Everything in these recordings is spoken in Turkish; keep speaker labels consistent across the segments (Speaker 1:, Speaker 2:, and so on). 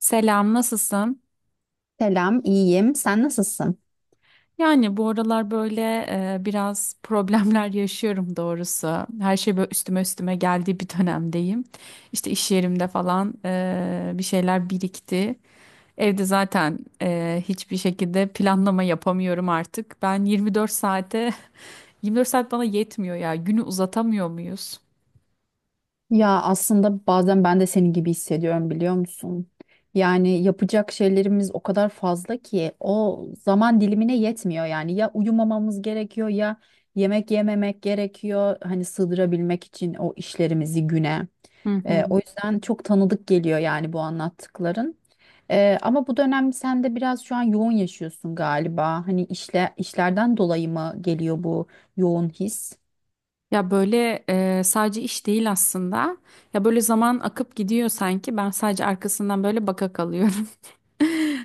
Speaker 1: Selam, nasılsın?
Speaker 2: Selam, iyiyim. Sen nasılsın?
Speaker 1: Yani bu aralar böyle biraz problemler yaşıyorum doğrusu. Her şey böyle üstüme üstüme geldiği bir dönemdeyim. İşte iş yerimde falan bir şeyler birikti. Evde zaten hiçbir şekilde planlama yapamıyorum artık. Ben 24 saate, 24 saat bana yetmiyor ya. Günü uzatamıyor muyuz?
Speaker 2: Ya aslında bazen ben de senin gibi hissediyorum, biliyor musun? Yani yapacak şeylerimiz o kadar fazla ki o zaman dilimine yetmiyor yani. Ya uyumamamız gerekiyor ya yemek yememek gerekiyor. Hani sığdırabilmek için o işlerimizi güne.
Speaker 1: Hı
Speaker 2: O
Speaker 1: hı.
Speaker 2: yüzden çok tanıdık geliyor yani bu anlattıkların. Ama bu dönem sen de biraz şu an yoğun yaşıyorsun galiba. Hani işle, işlerden dolayı mı geliyor bu yoğun his?
Speaker 1: Ya böyle sadece iş değil aslında. Ya böyle zaman akıp gidiyor sanki. Ben sadece arkasından böyle baka kalıyorum.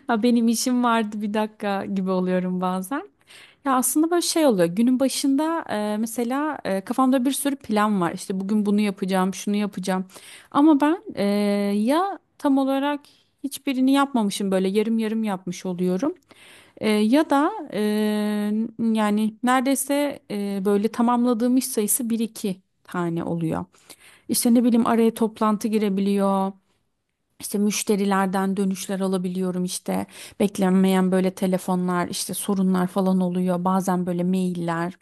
Speaker 1: Ha, benim işim vardı bir dakika gibi oluyorum bazen. Ya aslında böyle şey oluyor. Günün başında mesela kafamda bir sürü plan var. İşte bugün bunu yapacağım, şunu yapacağım. Ama ya tam olarak hiçbirini yapmamışım böyle yarım yarım yapmış oluyorum. E, ya da e, yani neredeyse böyle tamamladığım iş sayısı bir iki tane oluyor. İşte ne bileyim araya toplantı girebiliyor. İşte müşterilerden dönüşler alabiliyorum, işte beklenmeyen böyle telefonlar, işte sorunlar falan oluyor bazen, böyle mailler.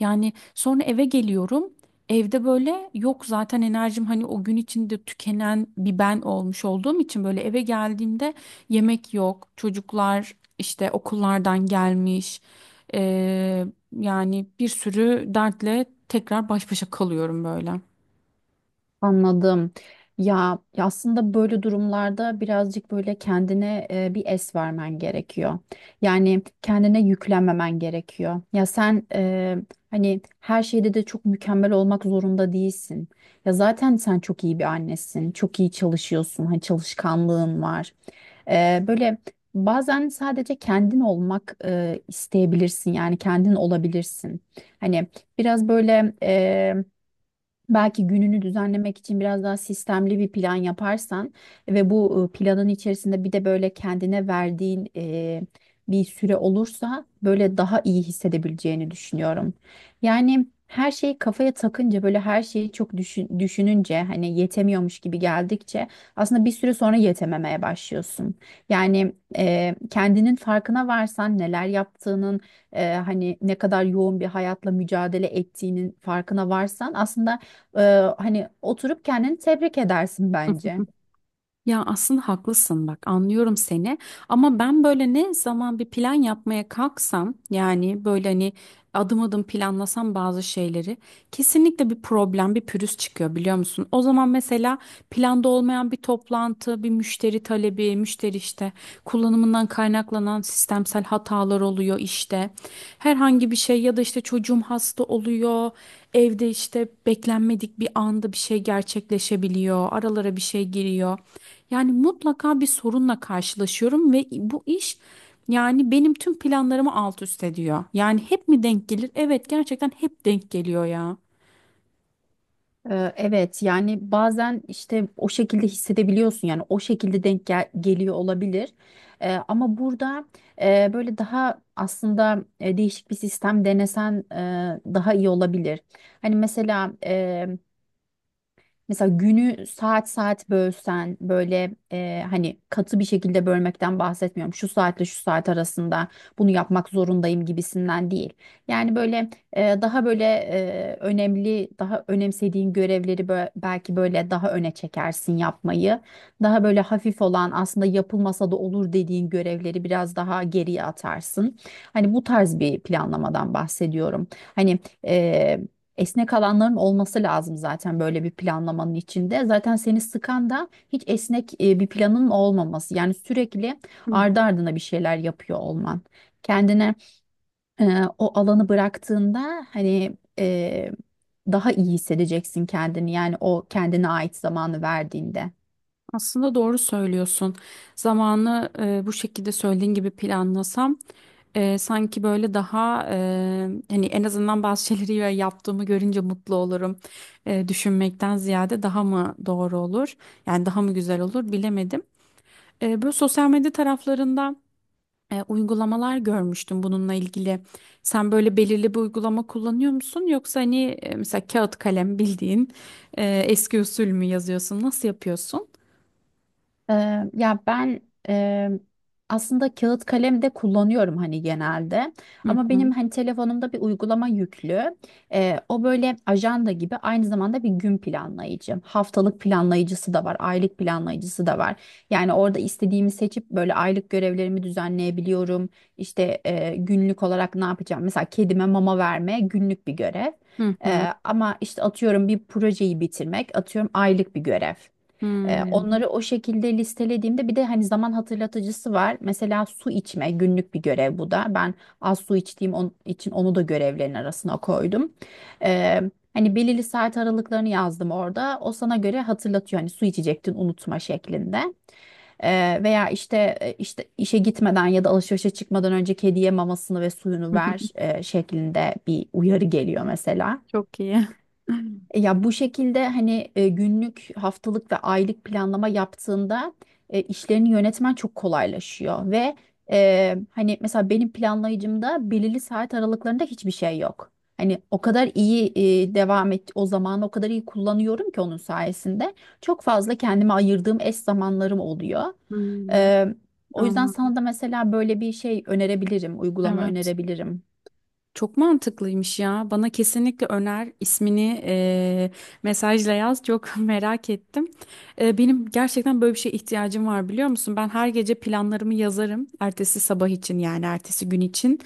Speaker 1: Yani sonra eve geliyorum, evde böyle yok zaten enerjim, hani o gün içinde tükenen bir ben olmuş olduğum için böyle eve geldiğimde yemek yok, çocuklar işte okullardan gelmiş. Ee, Yani bir sürü dertle tekrar baş başa kalıyorum böyle.
Speaker 2: Anladım. Ya aslında böyle durumlarda birazcık böyle kendine bir es vermen gerekiyor. Yani kendine yüklenmemen gerekiyor. Ya sen hani her şeyde de çok mükemmel olmak zorunda değilsin. Ya zaten sen çok iyi bir annesin. Çok iyi çalışıyorsun. Hani çalışkanlığın var. Böyle bazen sadece kendin olmak isteyebilirsin. Yani kendin olabilirsin. Hani biraz böyle belki gününü düzenlemek için biraz daha sistemli bir plan yaparsan ve bu planın içerisinde bir de böyle kendine verdiğin bir süre olursa böyle daha iyi hissedebileceğini düşünüyorum. Yani her şeyi kafaya takınca böyle her şeyi çok düşününce hani yetemiyormuş gibi geldikçe aslında bir süre sonra yetememeye başlıyorsun. Yani kendinin farkına varsan neler yaptığının, hani ne kadar yoğun bir hayatla mücadele ettiğinin farkına varsan aslında, ee, hani oturup kendini tebrik edersin bence.
Speaker 1: Ya aslında haklısın, bak anlıyorum seni ama ben böyle ne zaman bir plan yapmaya kalksam, yani böyle hani adım adım planlasam bazı şeyleri, kesinlikle bir problem, bir pürüz çıkıyor biliyor musun? O zaman mesela planda olmayan bir toplantı, bir müşteri talebi, müşteri işte kullanımından kaynaklanan sistemsel hatalar oluyor işte. Herhangi bir şey ya da işte çocuğum hasta oluyor. Evde işte beklenmedik bir anda bir şey gerçekleşebiliyor. Aralara bir şey giriyor. Yani mutlaka bir sorunla karşılaşıyorum ve bu iş yani benim tüm planlarımı alt üst ediyor. Yani hep mi denk gelir? Evet, gerçekten hep denk geliyor ya.
Speaker 2: Evet, yani bazen işte o şekilde hissedebiliyorsun, yani o şekilde geliyor olabilir. Ama burada böyle daha aslında değişik bir sistem denesen daha iyi olabilir. Hani mesela, mesela günü saat saat bölsen böyle, hani katı bir şekilde bölmekten bahsetmiyorum. Şu saatle şu saat arasında bunu yapmak zorundayım gibisinden değil. Yani böyle daha böyle önemli, daha önemsediğin görevleri belki böyle daha öne çekersin yapmayı. Daha böyle hafif olan, aslında yapılmasa da olur dediğin görevleri biraz daha geriye atarsın. Hani bu tarz bir planlamadan bahsediyorum. Hani esnek alanların olması lazım zaten böyle bir planlamanın içinde. Zaten seni sıkan da hiç esnek bir planın olmaması. Yani sürekli
Speaker 1: Hı.
Speaker 2: ardı ardına bir şeyler yapıyor olman. Kendine o alanı bıraktığında hani daha iyi hissedeceksin kendini, yani o kendine ait zamanı verdiğinde.
Speaker 1: Aslında doğru söylüyorsun. Zamanı bu şekilde söylediğin gibi planlasam, sanki böyle hani en azından bazı şeyleri yaptığımı görünce mutlu olurum. E, düşünmekten ziyade daha mı doğru olur? Yani daha mı güzel olur bilemedim. E, böyle sosyal medya taraflarında uygulamalar görmüştüm bununla ilgili. Sen böyle belirli bir uygulama kullanıyor musun? Yoksa hani mesela kağıt kalem bildiğin eski usul mü yazıyorsun? Nasıl yapıyorsun?
Speaker 2: Ya ben eee, aslında kağıt kalem de kullanıyorum hani genelde,
Speaker 1: Hı
Speaker 2: ama
Speaker 1: hı.
Speaker 2: benim hani telefonumda bir uygulama yüklü. O böyle ajanda gibi, aynı zamanda bir gün planlayıcı, haftalık planlayıcısı da var, aylık planlayıcısı da var. Yani orada istediğimi seçip böyle aylık görevlerimi düzenleyebiliyorum. İşte günlük olarak ne yapacağım, mesela kedime mama verme günlük bir görev.
Speaker 1: Hı hı.
Speaker 2: Ama işte atıyorum bir projeyi bitirmek atıyorum aylık bir görev.
Speaker 1: Hmm.
Speaker 2: Onları o şekilde listelediğimde bir de hani zaman hatırlatıcısı var. Mesela su içme günlük bir görev bu da. Ben az su içtiğim için onu da görevlerin arasına koydum. E, Hani belirli saat aralıklarını yazdım orada. O sana göre hatırlatıyor, hani su içecektin unutma şeklinde. Veya işte işte işe gitmeden ya da alışverişe çıkmadan önce kediye mamasını ve suyunu ver şeklinde bir uyarı geliyor mesela.
Speaker 1: Çok iyi.
Speaker 2: Ya bu şekilde hani günlük, haftalık ve aylık planlama yaptığında işlerini yönetmen çok kolaylaşıyor ve hani mesela benim planlayıcımda belirli saat aralıklarında hiçbir şey yok. Hani o kadar iyi devam et, o zamanı o kadar iyi kullanıyorum ki onun sayesinde çok fazla kendime ayırdığım eş zamanlarım oluyor.
Speaker 1: Hmm,
Speaker 2: E, O yüzden
Speaker 1: anladım.
Speaker 2: sana da mesela böyle bir şey önerebilirim, uygulama
Speaker 1: Evet.
Speaker 2: önerebilirim.
Speaker 1: Çok mantıklıymış ya. Bana kesinlikle öner ismini, mesajla yaz. Çok merak ettim. E, benim gerçekten böyle bir şeye ihtiyacım var biliyor musun? Ben her gece planlarımı yazarım. Ertesi sabah için, yani ertesi gün için.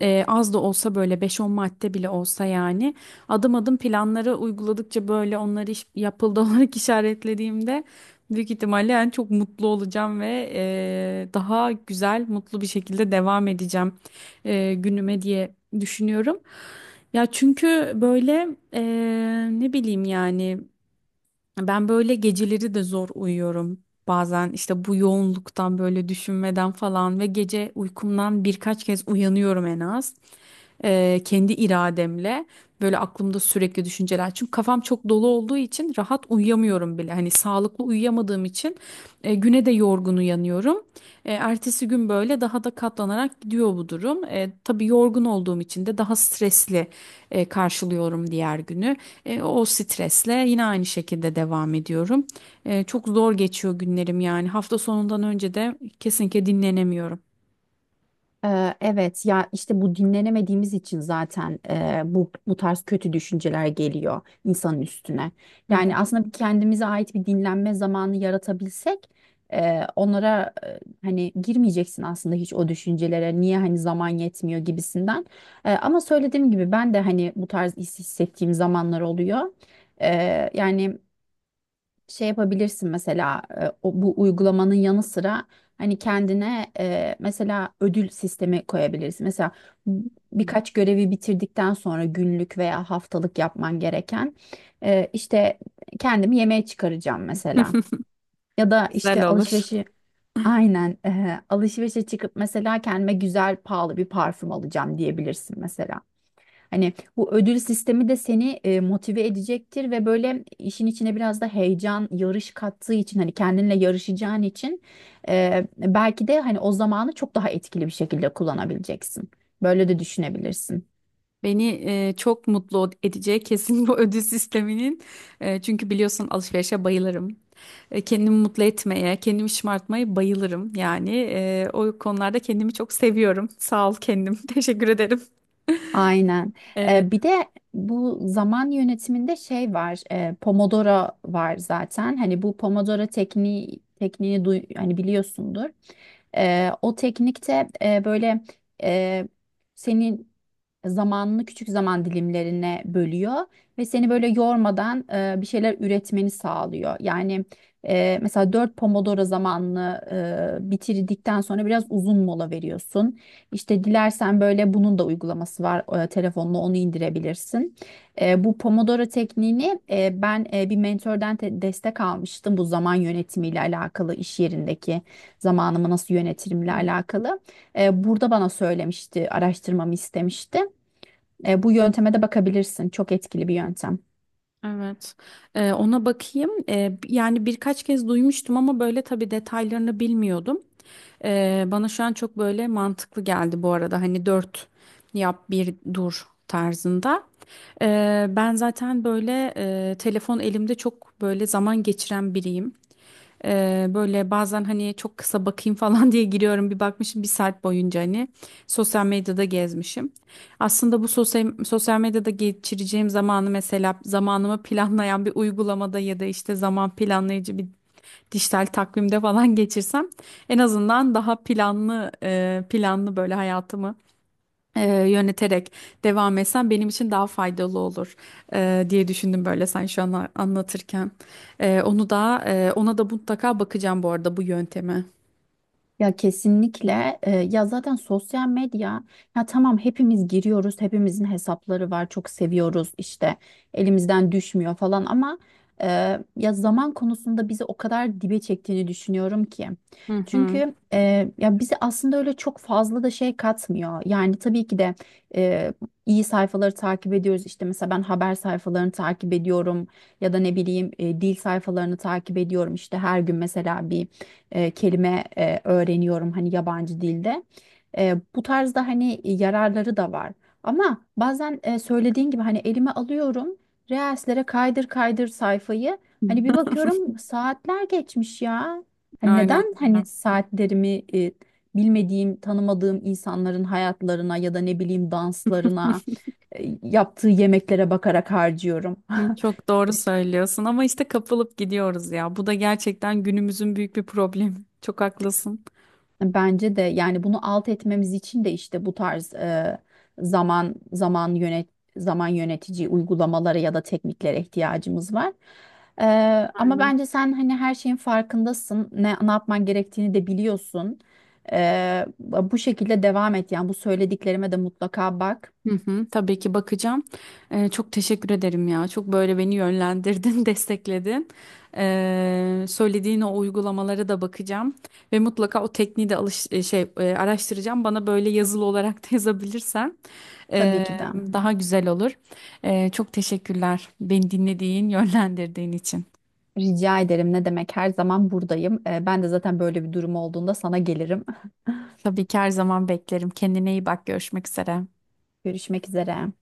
Speaker 1: Az da olsa böyle beş on madde bile olsa, yani adım adım planları uyguladıkça böyle onları yapıldı olarak işaretlediğimde büyük ihtimalle yani çok mutlu olacağım ve daha güzel, mutlu bir şekilde devam edeceğim günüme diye düşünüyorum. Ya çünkü böyle eee, ne bileyim yani, ben böyle geceleri de zor uyuyorum. Bazen işte bu yoğunluktan böyle düşünmeden falan ve gece uykumdan birkaç kez uyanıyorum en az. Kendi irademle böyle aklımda sürekli düşünceler. Çünkü kafam çok dolu olduğu için rahat uyuyamıyorum bile. Hani sağlıklı uyuyamadığım için güne de yorgun uyanıyorum. Ertesi gün böyle daha da katlanarak gidiyor bu durum. E, tabii yorgun olduğum için de daha stresli karşılıyorum diğer günü. E, o stresle yine aynı şekilde devam ediyorum. E, çok zor geçiyor günlerim yani. Hafta sonundan önce de kesinlikle dinlenemiyorum.
Speaker 2: Evet ya, işte bu dinlenemediğimiz için zaten bu tarz kötü düşünceler geliyor insanın üstüne.
Speaker 1: Hı.
Speaker 2: Yani aslında bir kendimize ait bir dinlenme zamanı yaratabilsek onlara, hani girmeyeceksin aslında hiç o düşüncelere, niye hani zaman yetmiyor gibisinden. Ama söylediğim gibi ben de hani bu tarz hissettiğim zamanlar oluyor. Yani şey yapabilirsin mesela, bu uygulamanın yanı sıra hani kendine mesela ödül sistemi koyabilirsin. Mesela b- birkaç görevi bitirdikten sonra günlük veya haftalık yapman gereken, işte kendimi yemeğe çıkaracağım mesela. Ya da
Speaker 1: Güzel
Speaker 2: işte
Speaker 1: olur.
Speaker 2: aynen, alışverişe çıkıp mesela kendime güzel pahalı bir parfüm alacağım diyebilirsin mesela. Hani bu ödül sistemi de seni motive edecektir ve böyle işin içine biraz da heyecan, yarış kattığı için, hani kendinle yarışacağın için belki de hani o zamanı çok daha etkili bir şekilde kullanabileceksin. Böyle de düşünebilirsin.
Speaker 1: Beni çok mutlu edecek kesin bu ödül sisteminin. E, çünkü biliyorsun alışverişe bayılırım. E, kendimi mutlu etmeye, kendimi şımartmaya bayılırım. Yani o konularda kendimi çok seviyorum. Sağ ol kendim. Teşekkür ederim.
Speaker 2: Aynen.
Speaker 1: E,
Speaker 2: Bir de bu zaman yönetiminde şey var, Pomodoro var zaten. Hani bu Pomodoro tekniğini duy, hani biliyorsundur. O teknikte böyle e, senin zamanını küçük zaman dilimlerine bölüyor ve seni böyle yormadan bir şeyler üretmeni sağlıyor. Yani mesela 4 Pomodoro zamanını bitirdikten sonra biraz uzun mola veriyorsun. İşte dilersen böyle bunun da uygulaması var. Telefonla onu indirebilirsin. Bu Pomodoro tekniğini, ben bir mentordan destek almıştım. Bu zaman yönetimiyle alakalı, iş yerindeki zamanımı nasıl yönetirimle alakalı. Burada bana söylemişti, araştırmamı istemişti. Bu yönteme de bakabilirsin. Çok etkili bir yöntem.
Speaker 1: Evet. Ona bakayım. Yani birkaç kez duymuştum ama böyle tabii detaylarını bilmiyordum. Bana şu an çok böyle mantıklı geldi bu arada. Hani dört yap bir dur tarzında. Ben zaten böyle telefon elimde çok böyle zaman geçiren biriyim. Böyle bazen hani çok kısa bakayım falan diye giriyorum, bir bakmışım bir saat boyunca hani sosyal medyada gezmişim. Aslında bu sosyal medyada geçireceğim zamanı, mesela zamanımı planlayan bir uygulamada ya da işte zaman planlayıcı bir dijital takvimde falan geçirsem en azından daha planlı, böyle hayatımı yöneterek devam etsem benim için daha faydalı olur diye düşündüm böyle sen şu an anlatırken. Ona da mutlaka bakacağım bu arada, bu yönteme.
Speaker 2: Ya kesinlikle. Ya zaten sosyal medya, ya tamam hepimiz giriyoruz, hepimizin hesapları var, çok seviyoruz işte, elimizden düşmüyor falan, ama e, ya zaman konusunda bizi o kadar dibe çektiğini düşünüyorum ki,
Speaker 1: Hı hı.
Speaker 2: çünkü ya bize aslında öyle çok fazla da şey katmıyor. Yani tabii ki de e, iyi sayfaları takip ediyoruz, işte mesela ben haber sayfalarını takip ediyorum, ya da ne bileyim dil sayfalarını takip ediyorum, işte her gün mesela bir kelime öğreniyorum hani yabancı dilde. Bu tarzda hani yararları da var. Ama bazen söylediğin gibi hani elime alıyorum Reels'lere, kaydır kaydır sayfayı. Hani bir bakıyorum saatler geçmiş ya. Hani
Speaker 1: Aynen
Speaker 2: neden hani
Speaker 1: öyle.
Speaker 2: saatlerimi bilmediğim, tanımadığım insanların hayatlarına ya da ne bileyim danslarına, yaptığı yemeklere bakarak harcıyorum.
Speaker 1: Hı, çok doğru söylüyorsun ama işte kapılıp gidiyoruz ya. Bu da gerçekten günümüzün büyük bir problemi. Çok haklısın.
Speaker 2: Bence de. Yani bunu alt etmemiz için de işte bu tarz zaman zaman yönet zaman yönetici uygulamalara ya da tekniklere ihtiyacımız var. E, Ama bence sen hani her şeyin farkındasın, ne yapman gerektiğini de biliyorsun. Bu şekilde devam et, yani bu söylediklerime de mutlaka bak.
Speaker 1: Hı hı, tabii ki bakacağım. Çok teşekkür ederim ya. Çok böyle beni yönlendirdin, destekledin. Söylediğin o uygulamalara da bakacağım ve mutlaka o tekniği de alış e, şey e, araştıracağım. Bana böyle yazılı olarak da yazabilirsen
Speaker 2: Tabii
Speaker 1: e,
Speaker 2: ki de.
Speaker 1: daha güzel olur. E, çok teşekkürler beni dinlediğin, yönlendirdiğin için.
Speaker 2: Rica ederim, ne demek, her zaman buradayım. Ben de zaten böyle bir durum olduğunda sana gelirim.
Speaker 1: Tabii ki her zaman beklerim. Kendine iyi bak. Görüşmek üzere.
Speaker 2: Görüşmek üzere.